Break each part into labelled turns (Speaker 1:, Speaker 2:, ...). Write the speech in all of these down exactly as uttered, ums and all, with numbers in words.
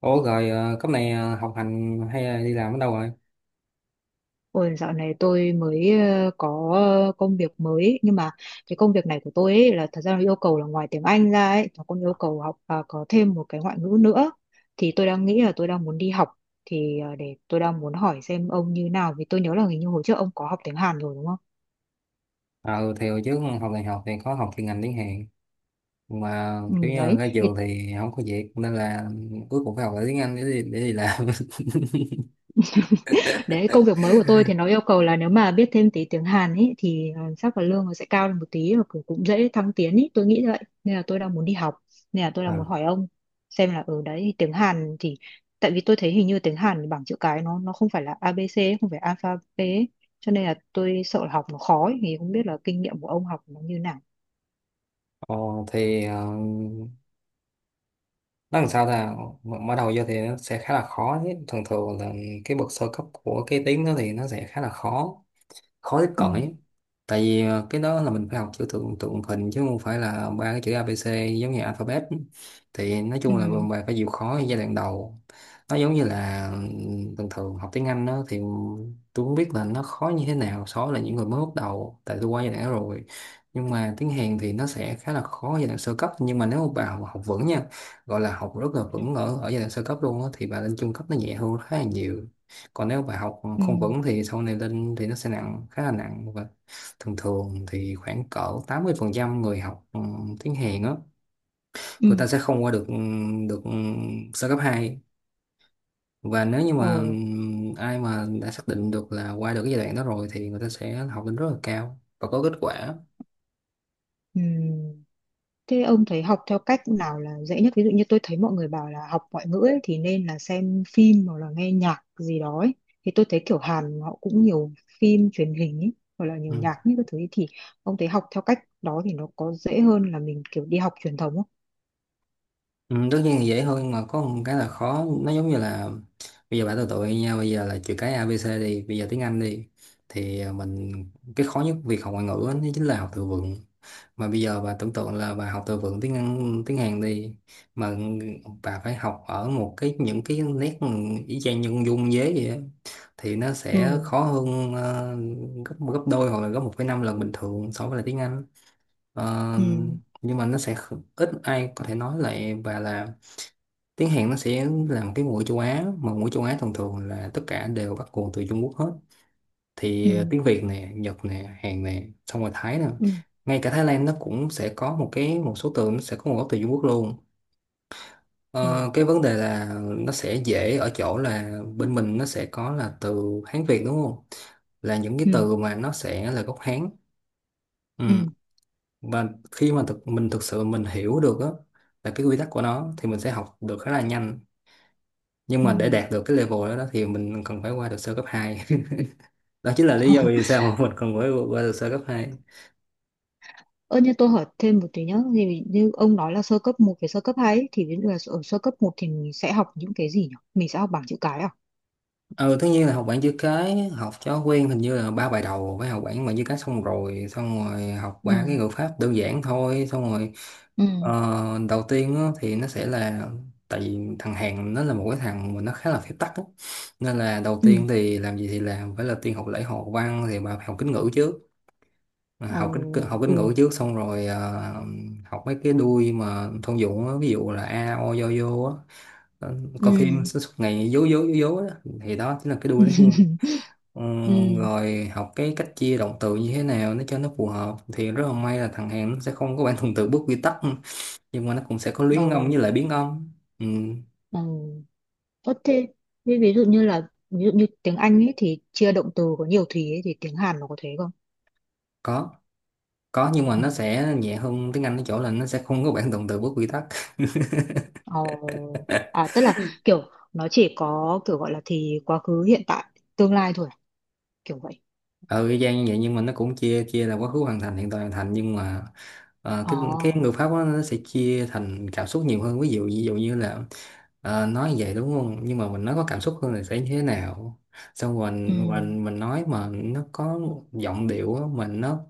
Speaker 1: Ủa rồi, ờ, cấp này, ờ, học hành hay là đi làm ở đâu rồi?
Speaker 2: Ôi, dạo này tôi mới ờ, có ờ, công việc mới ấy. Nhưng mà cái công việc này của tôi ấy là thật ra nó yêu cầu là ngoài tiếng Anh ra ấy nó còn yêu cầu học và có thêm một cái ngoại ngữ nữa. Thì tôi đang nghĩ là tôi đang muốn đi học, thì ờ, để tôi đang muốn hỏi xem ông như nào vì tôi nhớ là hình như hồi trước ông có học tiếng Hàn rồi đúng không?
Speaker 1: Ờ thì hồi trước học đại học thì có học chuyên ngành tiếng Hàn, mà
Speaker 2: Ừ,
Speaker 1: kiểu như
Speaker 2: đấy
Speaker 1: ra
Speaker 2: thì.
Speaker 1: trường thì không có việc nên là cuối cùng phải học lại tiếng Anh, để đi, để đi làm.
Speaker 2: Đấy, công việc mới của tôi thì nó yêu cầu là nếu mà biết thêm tí tiếng Hàn ấy thì ờ, chắc là lương nó sẽ cao lên một tí và cũng cũng dễ thăng tiến ấy, tôi nghĩ vậy. Nên là tôi đang muốn đi học, nên là tôi đang
Speaker 1: Ờ
Speaker 2: muốn hỏi ông xem là ở đấy tiếng Hàn thì tại vì tôi thấy hình như tiếng Hàn bảng chữ cái nó nó không phải là A ABC, ấy, không phải alpha B ấy. Cho nên là tôi sợ là học nó khó ấy, thì không biết là kinh nghiệm của ông học nó như nào.
Speaker 1: Ờ, thì ờ, nó làm sao ta, mở đầu vô thì nó sẽ khá là khó chứ. Thường thường là cái bậc sơ cấp của cái tiếng đó thì nó sẽ khá là khó, khối
Speaker 2: Ừ,
Speaker 1: cõi. Tại vì ờ, cái đó là mình phải học chữ tượng tượng hình chứ không phải là ba cái chữ A ABC giống như alphabet. Thì nói chung là
Speaker 2: ừ,
Speaker 1: bạn phải chịu khó ở giai đoạn đầu. Nó giống như là, ừm, bình thường học tiếng Anh đó thì tôi không biết là nó khó như thế nào so với là những người mới bắt đầu, tại tôi qua giai đoạn đó rồi. Nhưng mà tiếng Hàn thì nó sẽ khá là khó giai đoạn sơ cấp, nhưng mà nếu mà bà học vững nha, gọi là học rất là
Speaker 2: ừ.
Speaker 1: vững ở ở giai đoạn sơ cấp luôn á, thì bà lên trung cấp nó nhẹ hơn khá là nhiều. Còn nếu bài học
Speaker 2: Ừ,
Speaker 1: không vững thì sau này lên thì nó sẽ nặng, khá là nặng. Và thường thường thì khoảng cỡ tám mươi phần trăm người học, ừ, tiếng Hàn á, người ta
Speaker 2: ừ.
Speaker 1: sẽ không qua được ừ, được ừ, sơ cấp hai. Và nếu như mà ừ,
Speaker 2: Ồ,
Speaker 1: ai mà đã xác định được là qua được cái giai đoạn đó rồi thì người ta sẽ học lên rất là cao và có kết quả
Speaker 2: ừ. Thế ông thấy học theo cách nào là dễ nhất? Ví dụ như tôi thấy mọi người bảo là học ngoại ngữ ấy, thì nên là xem phim hoặc là nghe nhạc gì đó ấy. Thì tôi thấy kiểu Hàn họ cũng nhiều phim truyền hình ấy, hoặc là nhiều
Speaker 1: ừ.
Speaker 2: nhạc như các thứ ấy. Thì ông thấy học theo cách đó thì nó có dễ hơn là mình kiểu đi học truyền thống không?
Speaker 1: Ừ, tất nhiên là dễ hơn, mà có một cái là khó. Nó giống như là bây giờ bạn tụi tụi nha, bây giờ là chữ cái a ABC đi, bây giờ tiếng Anh đi thì à, mình... cái khó nhất việc học ngoại ngữ á, nó chính là học từ vựng. Mà bây giờ bà tưởng tượng là bà học từ vựng tiếng Anh tiếng Hàn đi, mà bà phải học ở một cái, những cái nét y chang như con dung dế vậy á, thì nó
Speaker 2: Ừ,
Speaker 1: sẽ khó hơn ờ, gấp gấp đôi hoặc là gấp một phẩy năm lần bình thường so với là tiếng Anh. Ờ,
Speaker 2: ừ,
Speaker 1: nhưng mà nó sẽ kh- ít ai có thể nói lại. Và là tiếng Hàn nó sẽ là một cái ngôn ngữ châu Á, mà ngôn ngữ châu Á thường thường là tất cả đều bắt nguồn từ Trung Quốc hết.
Speaker 2: ừ,
Speaker 1: Thì ờ, tiếng Việt nè, Nhật nè, Hàn nè, xong rồi Thái nè.
Speaker 2: ừ,
Speaker 1: Ngay cả Thái Lan nó cũng sẽ có một cái, một số từ nó sẽ có nguồn gốc từ Trung Quốc luôn.
Speaker 2: ừ,
Speaker 1: Ờ, cái vấn đề là nó sẽ dễ ở chỗ là bên mình nó sẽ có là từ Hán Việt, đúng không, là những cái
Speaker 2: ừ,
Speaker 1: từ mà nó sẽ là gốc Hán ừ.
Speaker 2: ừ,
Speaker 1: Và khi mà thực, mình thực sự mình hiểu được á là cái quy tắc của nó, thì mình sẽ học được khá là nhanh. Nhưng
Speaker 2: ừ.
Speaker 1: mà để đạt được cái level đó, đó thì mình cần phải qua được sơ cấp hai. Đó chính là lý do vì sao mà mình cần phải qua được sơ cấp hai.
Speaker 2: Ơ như tôi hỏi thêm một tí nhá, thì như ông nói là sơ cấp một với sơ cấp hai ấy, thì ví dụ là ở sơ cấp một thì mình sẽ học những cái gì nhỉ? Mình sẽ học bảng chữ cái à?
Speaker 1: Ừ, tất nhiên là học bảng chữ cái, học cho quen. Hình như là ba bài đầu phải học bảng bảng chữ cái, xong rồi xong rồi học
Speaker 2: Ừ.
Speaker 1: ba cái ngữ pháp đơn giản thôi. Xong rồi
Speaker 2: Ừ.
Speaker 1: ờ, đầu tiên á, thì nó sẽ là... Tại vì thằng Hàn nó là một cái thằng mà nó khá là phép tắc á. Nên là đầu
Speaker 2: Ừ.
Speaker 1: tiên thì làm gì thì làm, phải là tiên học lễ học văn, thì bà phải học kính ngữ trước. À,
Speaker 2: Ồ.
Speaker 1: học kính học kính
Speaker 2: Ừ.
Speaker 1: ngữ trước, xong rồi ờ, học mấy cái đuôi mà thông dụng á, ví dụ là a o do vô á. Ờ, Coi phim
Speaker 2: Ừ.
Speaker 1: suốt suốt ngày dố dố dố dố đó. Thì đó chính là cái đuôi nó hiên. Ừ,
Speaker 2: Ừ.
Speaker 1: Rồi học cái cách chia động từ như thế nào để cho nó phù hợp. Thì rất là may là thằng Hàn nó sẽ không có bản thuần từ bước quy tắc, nhưng mà nó cũng sẽ có
Speaker 2: Ồ.
Speaker 1: luyến âm với lại biến âm. Ừ,
Speaker 2: Ồ. Ơ thế thế ví dụ như là ví dụ như tiếng Anh ấy thì chia động từ có nhiều thùy ấy thì tiếng Hàn nó có thế không?
Speaker 1: có có nhưng mà
Speaker 2: Ừ.
Speaker 1: nó sẽ nhẹ hơn tiếng Anh ở chỗ là nó sẽ không có bản thuần từ bước quy tắc.
Speaker 2: Ồ. À, tức là kiểu nó chỉ có kiểu gọi là thì quá khứ hiện tại tương lai thôi à? Kiểu vậy.
Speaker 1: Ừ, y chang như vậy, nhưng mà nó cũng chia chia là quá khứ hoàn thành, hiện tại hoàn thành. Nhưng mà ờ,
Speaker 2: Ồ.
Speaker 1: cái cái người Pháp đó, nó sẽ chia thành cảm xúc nhiều hơn. Ví dụ ví dụ như là ờ, nói vậy đúng không, nhưng mà mình nói có cảm xúc hơn là sẽ như thế nào. Xong rồi
Speaker 2: Ừ.
Speaker 1: mình mình nói mà nó có giọng điệu á, mình nó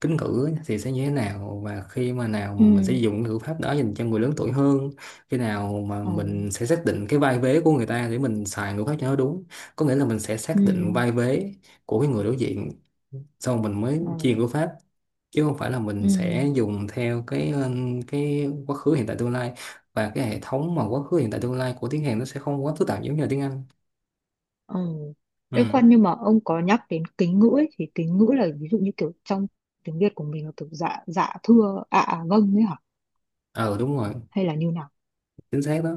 Speaker 1: kính cử á, thì sẽ như thế nào. Và khi mà nào
Speaker 2: Ừ.
Speaker 1: mà mình sẽ dùng cái ngữ pháp đó dành cho người lớn tuổi hơn, khi nào mà
Speaker 2: Ồ.
Speaker 1: mình sẽ xác định cái vai vế của người ta để mình xài ngữ pháp cho nó đúng, có nghĩa là mình sẽ
Speaker 2: Ừ.
Speaker 1: xác định vai vế của cái người đối diện, xong mình mới
Speaker 2: Ồ.
Speaker 1: chia ngữ pháp, chứ không phải là
Speaker 2: Ừ.
Speaker 1: mình sẽ dùng theo cái um, cái quá khứ hiện tại tương lai. Và cái hệ thống mà quá khứ hiện tại tương lai của tiếng Hàn nó sẽ không quá phức tạp giống như là tiếng Anh.
Speaker 2: Ờ. Ê
Speaker 1: Ừ,
Speaker 2: khoan, nhưng mà ông có nhắc đến kính ngữ ấy, thì kính ngữ là ví dụ như kiểu trong tiếng Việt của mình là kiểu dạ dạ thưa ạ à, vâng ấy hả?
Speaker 1: ờ đúng rồi,
Speaker 2: Hay là như nào?
Speaker 1: chính xác đó.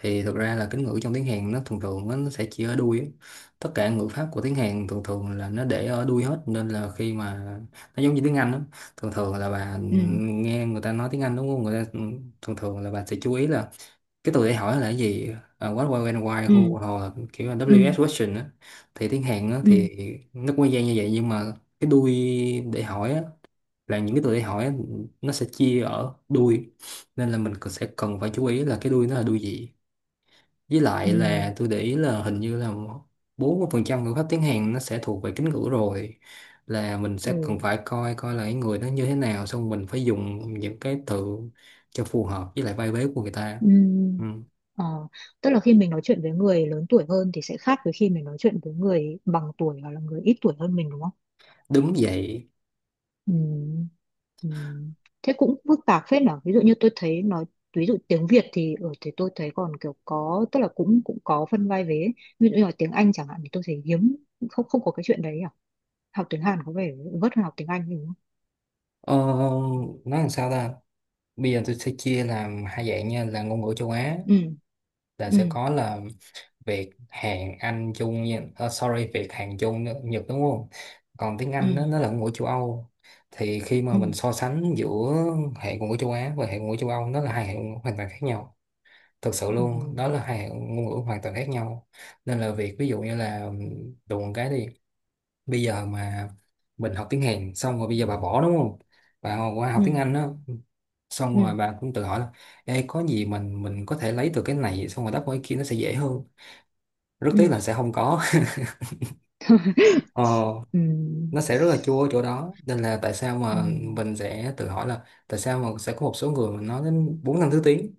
Speaker 1: Thì thực ra là kính ngữ trong tiếng Hàn nó thường thường á, nó sẽ chỉ ở đuôi á. Tất cả ngữ pháp của tiếng Hàn thường thường là nó để ở đuôi hết, nên là khi mà... nó giống như tiếng Anh đó. Thường thường là bà
Speaker 2: Ừ.
Speaker 1: nghe người ta nói tiếng Anh, đúng không, người ta ừ, thường thường là bà sẽ chú ý là cái tôi để hỏi là cái gì. Uh, what, why, when, why,
Speaker 2: Ừ.
Speaker 1: who, hoặc là kiểu là
Speaker 2: Ừ.
Speaker 1: vê kép ét question á. Thì tiếng Hàn á
Speaker 2: Ừ.
Speaker 1: thì nó cũng gian như vậy, nhưng mà cái đuôi để hỏi á, là những cái từ để hỏi á, nó sẽ chia ở đuôi. Nên là mình cần- sẽ cần phải chú ý là cái đuôi nó là đuôi gì. Với
Speaker 2: Ừ.
Speaker 1: lại là tôi để ý là hình như là bốn mươi phần trăm ngữ pháp tiếng Hàn nó sẽ thuộc về kính ngữ rồi, là mình
Speaker 2: Ừ.
Speaker 1: sẽ cần phải coi coi là cái người đó như thế nào, xong mình phải dùng những cái từ cho phù hợp với lại vai vế của người ta ừ.
Speaker 2: Ừ. Ờ, tức là khi mình nói chuyện với người lớn tuổi hơn thì sẽ khác với khi mình nói chuyện với người bằng tuổi hoặc là người ít tuổi hơn mình đúng không?
Speaker 1: Đúng vậy.
Speaker 2: Ừ. Ừ. Thế cũng phức tạp phết nhở. Ví dụ như tôi thấy nói ví dụ tiếng Việt thì ở thì tôi thấy còn kiểu có tức là cũng cũng có phân vai vế ấy. Ví dụ như là tiếng Anh chẳng hạn thì tôi thấy hiếm, không không có cái chuyện đấy à, học tiếng Hàn có vẻ vất hơn học tiếng Anh đúng không?
Speaker 1: Ờ, nói làm sao ta? Bây giờ tôi sẽ chia làm hai dạng nha, là ngôn ngữ châu Á,
Speaker 2: Ừ.
Speaker 1: là
Speaker 2: Ừ.
Speaker 1: sẽ có là Việt, Hàn, Anh, Trung nha. Ờ, sorry, Việt, Hàn, Trung, Nhật, đúng không? Còn tiếng
Speaker 2: Ừ.
Speaker 1: Anh đó, nó là ngôn ngữ châu Âu. Thì khi mà
Speaker 2: Ừ.
Speaker 1: mình so sánh giữa hệ ngôn ngữ châu Á và hệ ngôn ngữ châu Âu, nó là hai hệ ngôn ngữ hoàn toàn khác nhau. Thực sự
Speaker 2: Ừ.
Speaker 1: luôn, đó là hai hệ ngôn ngữ hoàn toàn khác nhau. Nên là việc ví dụ như là, đùa một cái đi, bây giờ mà mình học tiếng Hàn xong rồi, bây giờ bà bỏ, đúng không, bà qua
Speaker 2: Ừ.
Speaker 1: học tiếng Anh đó, xong
Speaker 2: Ừ.
Speaker 1: rồi bà cũng tự hỏi là: Ê, có gì mình mình có thể lấy từ cái này xong rồi đắp qua cái kia, nó sẽ dễ hơn. Rất
Speaker 2: Ừ.
Speaker 1: tiếc là sẽ không có. ờ,
Speaker 2: Ừ.
Speaker 1: nó sẽ rất là chua ở chỗ đó, nên là tại sao
Speaker 2: Ừ.
Speaker 1: mà mình sẽ tự hỏi là tại sao mà sẽ có một số người mà nói đến bốn năm thứ tiếng.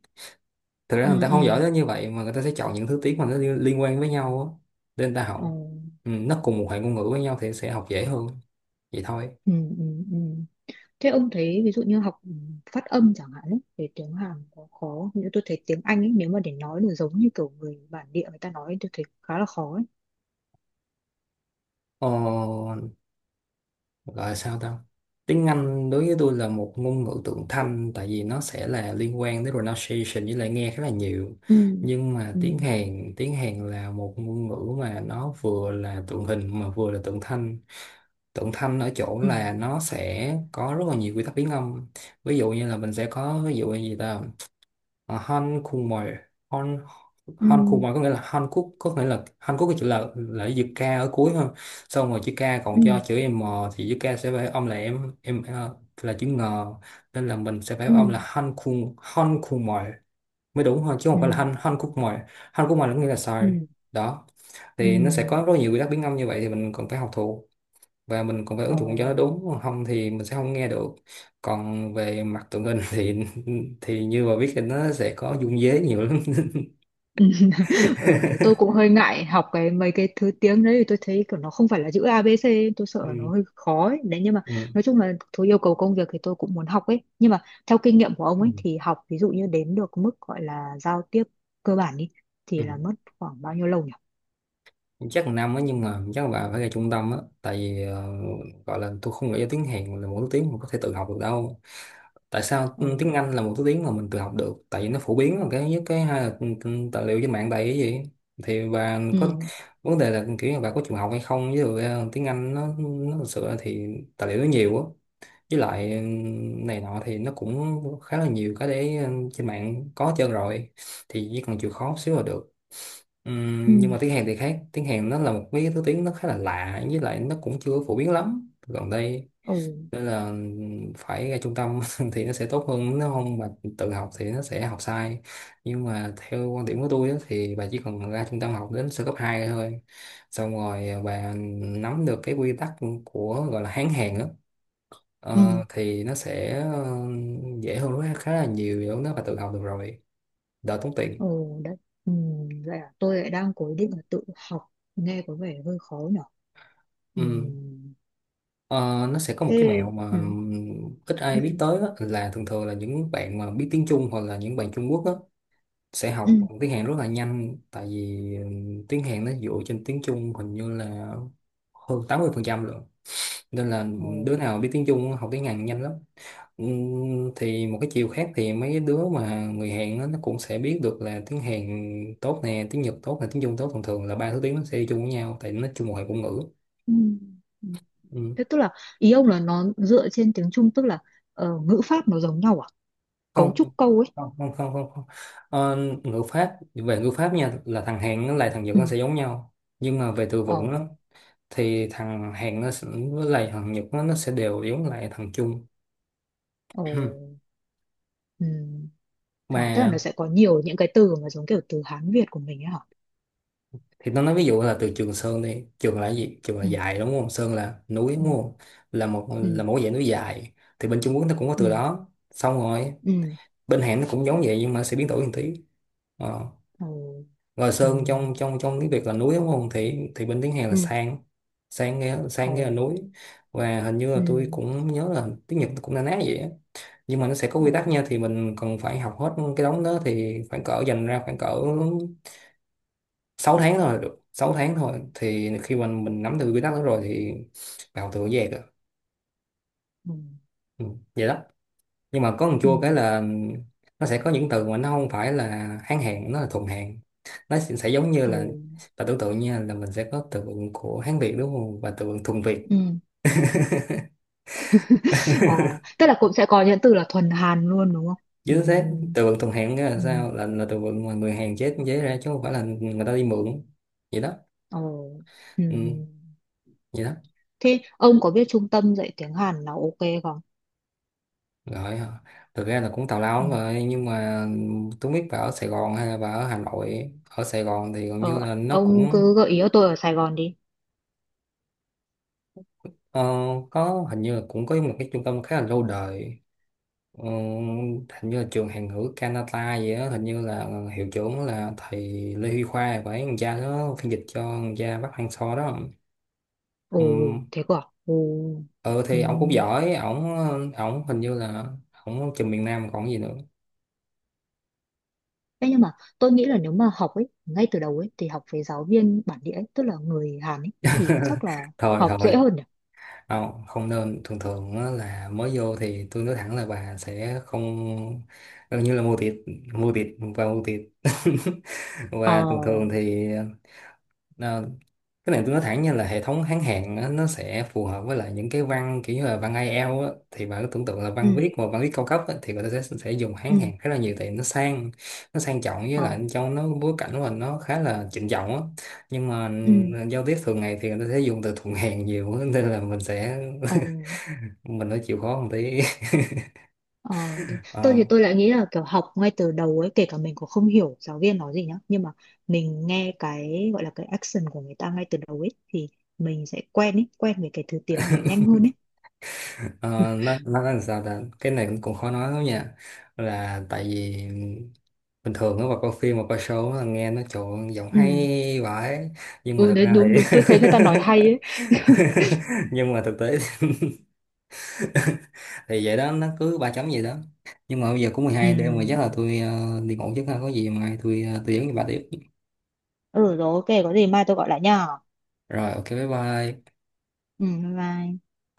Speaker 1: Thực ra
Speaker 2: Ừ.
Speaker 1: người ta
Speaker 2: Ừ.
Speaker 1: không giỏi đến như vậy, mà người ta sẽ chọn những thứ tiếng mà nó liên liên quan với nhau á để người ta
Speaker 2: Ừ.
Speaker 1: học. Ừ, nó cùng một hệ ngôn ngữ với nhau thì sẽ học dễ hơn, vậy thôi.
Speaker 2: Ừ. Ừ. Ừ. Thế ông thấy ví dụ như học phát âm chẳng hạn ấy, về tiếng Hàn có khó không? Như tôi thấy tiếng Anh ấy nếu mà để nói được giống như kiểu người bản địa người ta nói ấy, tôi thấy khá là khó ấy.
Speaker 1: ờ, Gọi là sao ta? Tiếng Anh đối với tôi là một ngôn ngữ tượng thanh, tại vì nó sẽ là liên quan đến pronunciation với lại nghe khá là nhiều.
Speaker 2: Ừ.
Speaker 1: Nhưng mà
Speaker 2: Ừ.
Speaker 1: tiếng Hàn tiếng Hàn là một ngôn ngữ mà nó vừa là tượng hình mà vừa là tượng thanh. Tượng thanh ở chỗ
Speaker 2: Ừ.
Speaker 1: là nó sẽ có rất là nhiều quy tắc biến âm. Ví dụ như là mình sẽ có, ví dụ như gì ta, à, Han khùng mồi Han Han khùng
Speaker 2: Ừ.
Speaker 1: mồi có nghĩa là Hàn Quốc, có nghĩa là Hàn Quốc cái chữ là là chữ K ở cuối ha. Xong rồi chữ K còn cho
Speaker 2: Ừ.
Speaker 1: chữ M, thì chữ K sẽ phải âm là em em ờ, là chữ ngờ, nên là mình sẽ phải
Speaker 2: Ừ.
Speaker 1: âm là Han khùng Han khùng mồi mới đúng thôi, chứ
Speaker 2: Ừ.
Speaker 1: không phải là Han Han khúc mồi. Han khúc mồi là có nghĩa là
Speaker 2: Ừ.
Speaker 1: sai đó. Thì nó sẽ
Speaker 2: Ừ.
Speaker 1: có rất nhiều quy tắc biến âm như vậy thì mình cần phải học thuộc, và mình cũng phải
Speaker 2: Ờ.
Speaker 1: ứng dụng cho nó đúng, không thì mình sẽ không nghe được. Còn về mặt tụi mình thì thì như mà biết thì nó sẽ có dung dế nhiều lắm
Speaker 2: Ừ. Ờ, đấy tôi cũng hơi ngại học cái mấy cái thứ tiếng đấy thì tôi thấy kiểu nó không phải là chữ a bê xê, tôi sợ nó
Speaker 1: ừ.
Speaker 2: hơi khó ấy. Đấy nhưng mà
Speaker 1: Ừ.
Speaker 2: nói chung là thứ yêu cầu công việc thì tôi cũng muốn học ấy, nhưng mà theo kinh nghiệm của ông ấy thì học ví dụ như đến được mức gọi là giao tiếp cơ bản đi
Speaker 1: Ừ.
Speaker 2: thì là mất khoảng bao nhiêu lâu nhỉ?
Speaker 1: Chắc là năm á, nhưng mà chắc là bà phải ra trung tâm á, tại vì ờ, gọi là tôi không nghĩ tiếng Hàn là một thứ tiếng mà có thể tự học được đâu. Tại sao tiếng
Speaker 2: Ừ.
Speaker 1: Anh là một thứ tiếng mà mình tự học được? Tại vì nó phổ biến là cái nhất, cái hai là ừ, ừ, tài liệu trên mạng đầy cái gì thì bà có.
Speaker 2: Ừ.
Speaker 1: Vấn đề là kiểu như bà có chịu học hay không, với rồi ờ, tiếng Anh nó nó thực sự là thì tài liệu nó nhiều á, với lại ừ, này nọ thì nó cũng khá là nhiều cái để, ừ, trên mạng có hết trơn rồi, thì chỉ cần chịu khó xíu là được. Ừm, nhưng
Speaker 2: Ừ.
Speaker 1: mà tiếng Hàn thì khác. Tiếng Hàn nó là một cái thứ tiếng nó khá là lạ, với lại nó cũng chưa phổ biến lắm gần đây,
Speaker 2: Ừ.
Speaker 1: nên là phải ra trung tâm thì nó sẽ tốt hơn, nếu không mà tự học thì nó sẽ học sai. Nhưng mà theo quan điểm của tôi á, thì bà chỉ cần ra trung tâm học đến sơ cấp hai thôi. Xong rồi à, bà nắm được cái quy tắc của gọi là Hán Hàn á,
Speaker 2: Ừ.
Speaker 1: ờ, thì nó sẽ ờ, dễ hơn khá là nhiều, nếu nó bà tự học được rồi, đỡ tốn tiền.
Speaker 2: Ừ. Đấy. Ừ. Vậy à, tôi lại đang cố định là tự học nghe có vẻ hơi khó nhỉ. Ừ.
Speaker 1: Ừ. Ờ, nó sẽ có một cái
Speaker 2: Thế.
Speaker 1: mẹo mà
Speaker 2: Ừ.
Speaker 1: ít
Speaker 2: Ừ.
Speaker 1: ai biết tới á, là thường thường là những bạn mà biết tiếng Trung, hoặc là những bạn Trung Quốc á, sẽ
Speaker 2: Ừ.
Speaker 1: học tiếng Hàn rất là nhanh, tại vì ừm, tiếng Hàn nó dựa trên tiếng Trung, hình như là hơn tám mươi phần trăm luôn. Nên là
Speaker 2: Ừ.
Speaker 1: đứa nào biết tiếng Trung học tiếng Hàn nhanh lắm. Ừm, thì một cái chiều khác thì mấy đứa mà người Hàn á, nó cũng sẽ biết được là tiếng Hàn tốt nè, tiếng Nhật tốt nè, tiếng Trung tốt. Thường thường là ba thứ tiếng nó sẽ đi chung với nhau, tại nó chung một hệ ngôn ngữ.
Speaker 2: Ừ. Ừ. Thế tức là ý ông là nó dựa trên tiếng Trung, tức là ờ, ngữ pháp nó giống nhau à? Cấu
Speaker 1: Không.
Speaker 2: trúc câu ấy.
Speaker 1: Không không không không, không. Ờ, ngữ pháp, về ngữ pháp nha, là thằng hẹn với lại thằng Nhật
Speaker 2: Ừ.
Speaker 1: nó sẽ giống nhau, nhưng mà về từ
Speaker 2: Ờ.
Speaker 1: vựng đó, thì thằng hẹn nó sẽ, với lại thằng Nhật nó, nó sẽ đều giống lại thằng Trung.
Speaker 2: Ờ. Ừ. À, tức là nó
Speaker 1: Mà
Speaker 2: sẽ có nhiều những cái từ mà giống kiểu từ Hán Việt của mình ấy hả?
Speaker 1: thì nó nói ví dụ là từ Trường Sơn đi. Trường là cái gì? Trường là
Speaker 2: Ừ.
Speaker 1: dài, đúng không? Sơn là núi,
Speaker 2: Ừ.
Speaker 1: đúng không? Là một là
Speaker 2: Ừ.
Speaker 1: một dạng núi dài. Thì bên Trung Quốc nó cũng có từ
Speaker 2: Ừ.
Speaker 1: đó. Xong rồi
Speaker 2: Ừ.
Speaker 1: bên Hàn nó cũng giống vậy, nhưng mà sẽ biến đổi một tí. Ờ.
Speaker 2: Ờ.
Speaker 1: Rồi
Speaker 2: Ừ.
Speaker 1: Sơn trong trong trong tiếng Việt là núi, đúng không? Thì thì bên tiếng Hàn là
Speaker 2: Ừ.
Speaker 1: sang. Sang nghe,
Speaker 2: Ờ.
Speaker 1: sang nghe là núi. Và hình như là
Speaker 2: Ừ.
Speaker 1: tôi cũng nhớ là tiếng Nhật cũng na ná vậy á. Nhưng mà nó sẽ có
Speaker 2: Ờ.
Speaker 1: quy tắc nha, thì mình cần phải học hết cái đống đó, thì khoảng cỡ dành ra khoảng cỡ sáu tháng thôi là được. Sáu tháng thôi, thì khi mà mình nắm được quy tắc đó rồi thì vào tự dễ rồi.
Speaker 2: Ừ.
Speaker 1: Ừ, vậy đó. Nhưng mà có một
Speaker 2: Ừ.
Speaker 1: chua cái là nó sẽ có những từ mà nó không phải là Hán Hán, nó là thuần Hán. Nó sẽ sẽ giống như
Speaker 2: Ờ.
Speaker 1: là, và tưởng tượng nha, là mình sẽ có từ vựng của Hán Việt đúng không, và từ vựng thuần Việt.
Speaker 2: Ừ. Ờ. Tức là cũng sẽ có những từ là thuần Hàn luôn đúng không? Ừ.
Speaker 1: Chứ thế từ vựng thuần Hán nghĩa là
Speaker 2: Ừ.
Speaker 1: sao? là là từ vựng mà người Hàn chế chế ra chứ không phải là người ta đi mượn, vậy đó.
Speaker 2: Ờ. Ừ.
Speaker 1: Ừ,
Speaker 2: Ừ.
Speaker 1: vậy đó.
Speaker 2: Thế ông có biết trung tâm dạy tiếng Hàn nào ok không?
Speaker 1: Rồi ờ, thực ra là cũng tào lao
Speaker 2: Ừ.
Speaker 1: lắm rồi, nhưng mà tôi biết bà ở Sài Gòn hay là bà ở Hà Nội? Ở Sài Gòn thì gần như
Speaker 2: Ờ,
Speaker 1: là nó
Speaker 2: ông
Speaker 1: cũng
Speaker 2: cứ gợi ý cho tôi ở Sài Gòn đi.
Speaker 1: ờ, có, hình như là cũng có một cái trung tâm khá là lâu đời. Ờ, hình như là trường Hàn ngữ Canada gì đó, hình như là hiệu trưởng là thầy Lê Huy Khoa, phải thằng cha nó phiên dịch cho thằng cha Bắc Hang So đó.
Speaker 2: Ồ,
Speaker 1: Ừm,
Speaker 2: thế cơ à? Ồ.
Speaker 1: ừ
Speaker 2: Ừ.
Speaker 1: thì ổng cũng giỏi. Ổng, ổng hình như là ổng trường miền Nam còn gì nữa.
Speaker 2: Thế nhưng mà tôi nghĩ là nếu mà học ấy, ngay từ đầu ấy, thì học với giáo viên bản địa ấy, tức là người Hàn ấy, thì chắc là
Speaker 1: Thôi
Speaker 2: học dễ
Speaker 1: thôi,
Speaker 2: hơn nhỉ?
Speaker 1: không, không nên. Thường thường á là mới vô thì tôi nói thẳng là bà sẽ không, gần như là mua thịt mua thịt và mua thịt
Speaker 2: Ờ,
Speaker 1: và thường thường thì ờ, cái này tôi nói thẳng nha, là hệ thống Hán Hán á, nó sẽ phù hợp với lại những cái văn kiểu như là văn i e o á, thì bà cứ tưởng tượng là văn
Speaker 2: ừ,
Speaker 1: viết, mà văn viết cao cấp á, thì người ta sẽ sẽ dùng Hán
Speaker 2: ừ,
Speaker 1: Hán khá là nhiều, tại nó sang, nó sang trọng, với lại
Speaker 2: ờ,
Speaker 1: cho nó bối cảnh của mình nó khá là trịnh trọng á. Nhưng mà
Speaker 2: ừ,
Speaker 1: giao tiếp thường ngày thì người ta sẽ dùng từ thuận hèn nhiều á, nên là mình sẽ
Speaker 2: ờ.
Speaker 1: mình phải chịu khó một tí.
Speaker 2: Ờ, đấy. Tôi thì
Speaker 1: Ờ,
Speaker 2: tôi lại nghĩ là kiểu học ngay từ đầu ấy kể cả mình cũng không hiểu giáo viên nói gì nhá, nhưng mà mình nghe cái gọi là cái action của người ta ngay từ đầu ấy thì mình sẽ quen ấy quen với cái thứ tiếng đấy nhanh hơn ấy.
Speaker 1: ờ, nó nó là sao ta, cái này cũng cũng khó nói lắm nha. Là tại vì bình thường á mà coi phim, mà coi show á, nghe nó trộn giọng
Speaker 2: Ừ.
Speaker 1: hay vãi. Nhưng mà
Speaker 2: Ừ,
Speaker 1: thực
Speaker 2: đấy,
Speaker 1: ra
Speaker 2: đúng
Speaker 1: thì
Speaker 2: đúng, tôi thấy người ta nói hay ấy.
Speaker 1: nhưng mà thực tế thì vậy đó, nó cứ ba chấm vậy đó. Nhưng mà bây giờ cũng mười
Speaker 2: Ừ.
Speaker 1: hai đêm rồi, chắc là tôi ờ, đi ngủ trước ha, có gì mai tôi ờ, tôi dẫn bà tiếp.
Speaker 2: Ừ, rồi ok, có gì mai tôi gọi lại nha.
Speaker 1: Rồi ok, bye bye.
Speaker 2: Ừ, bye bye.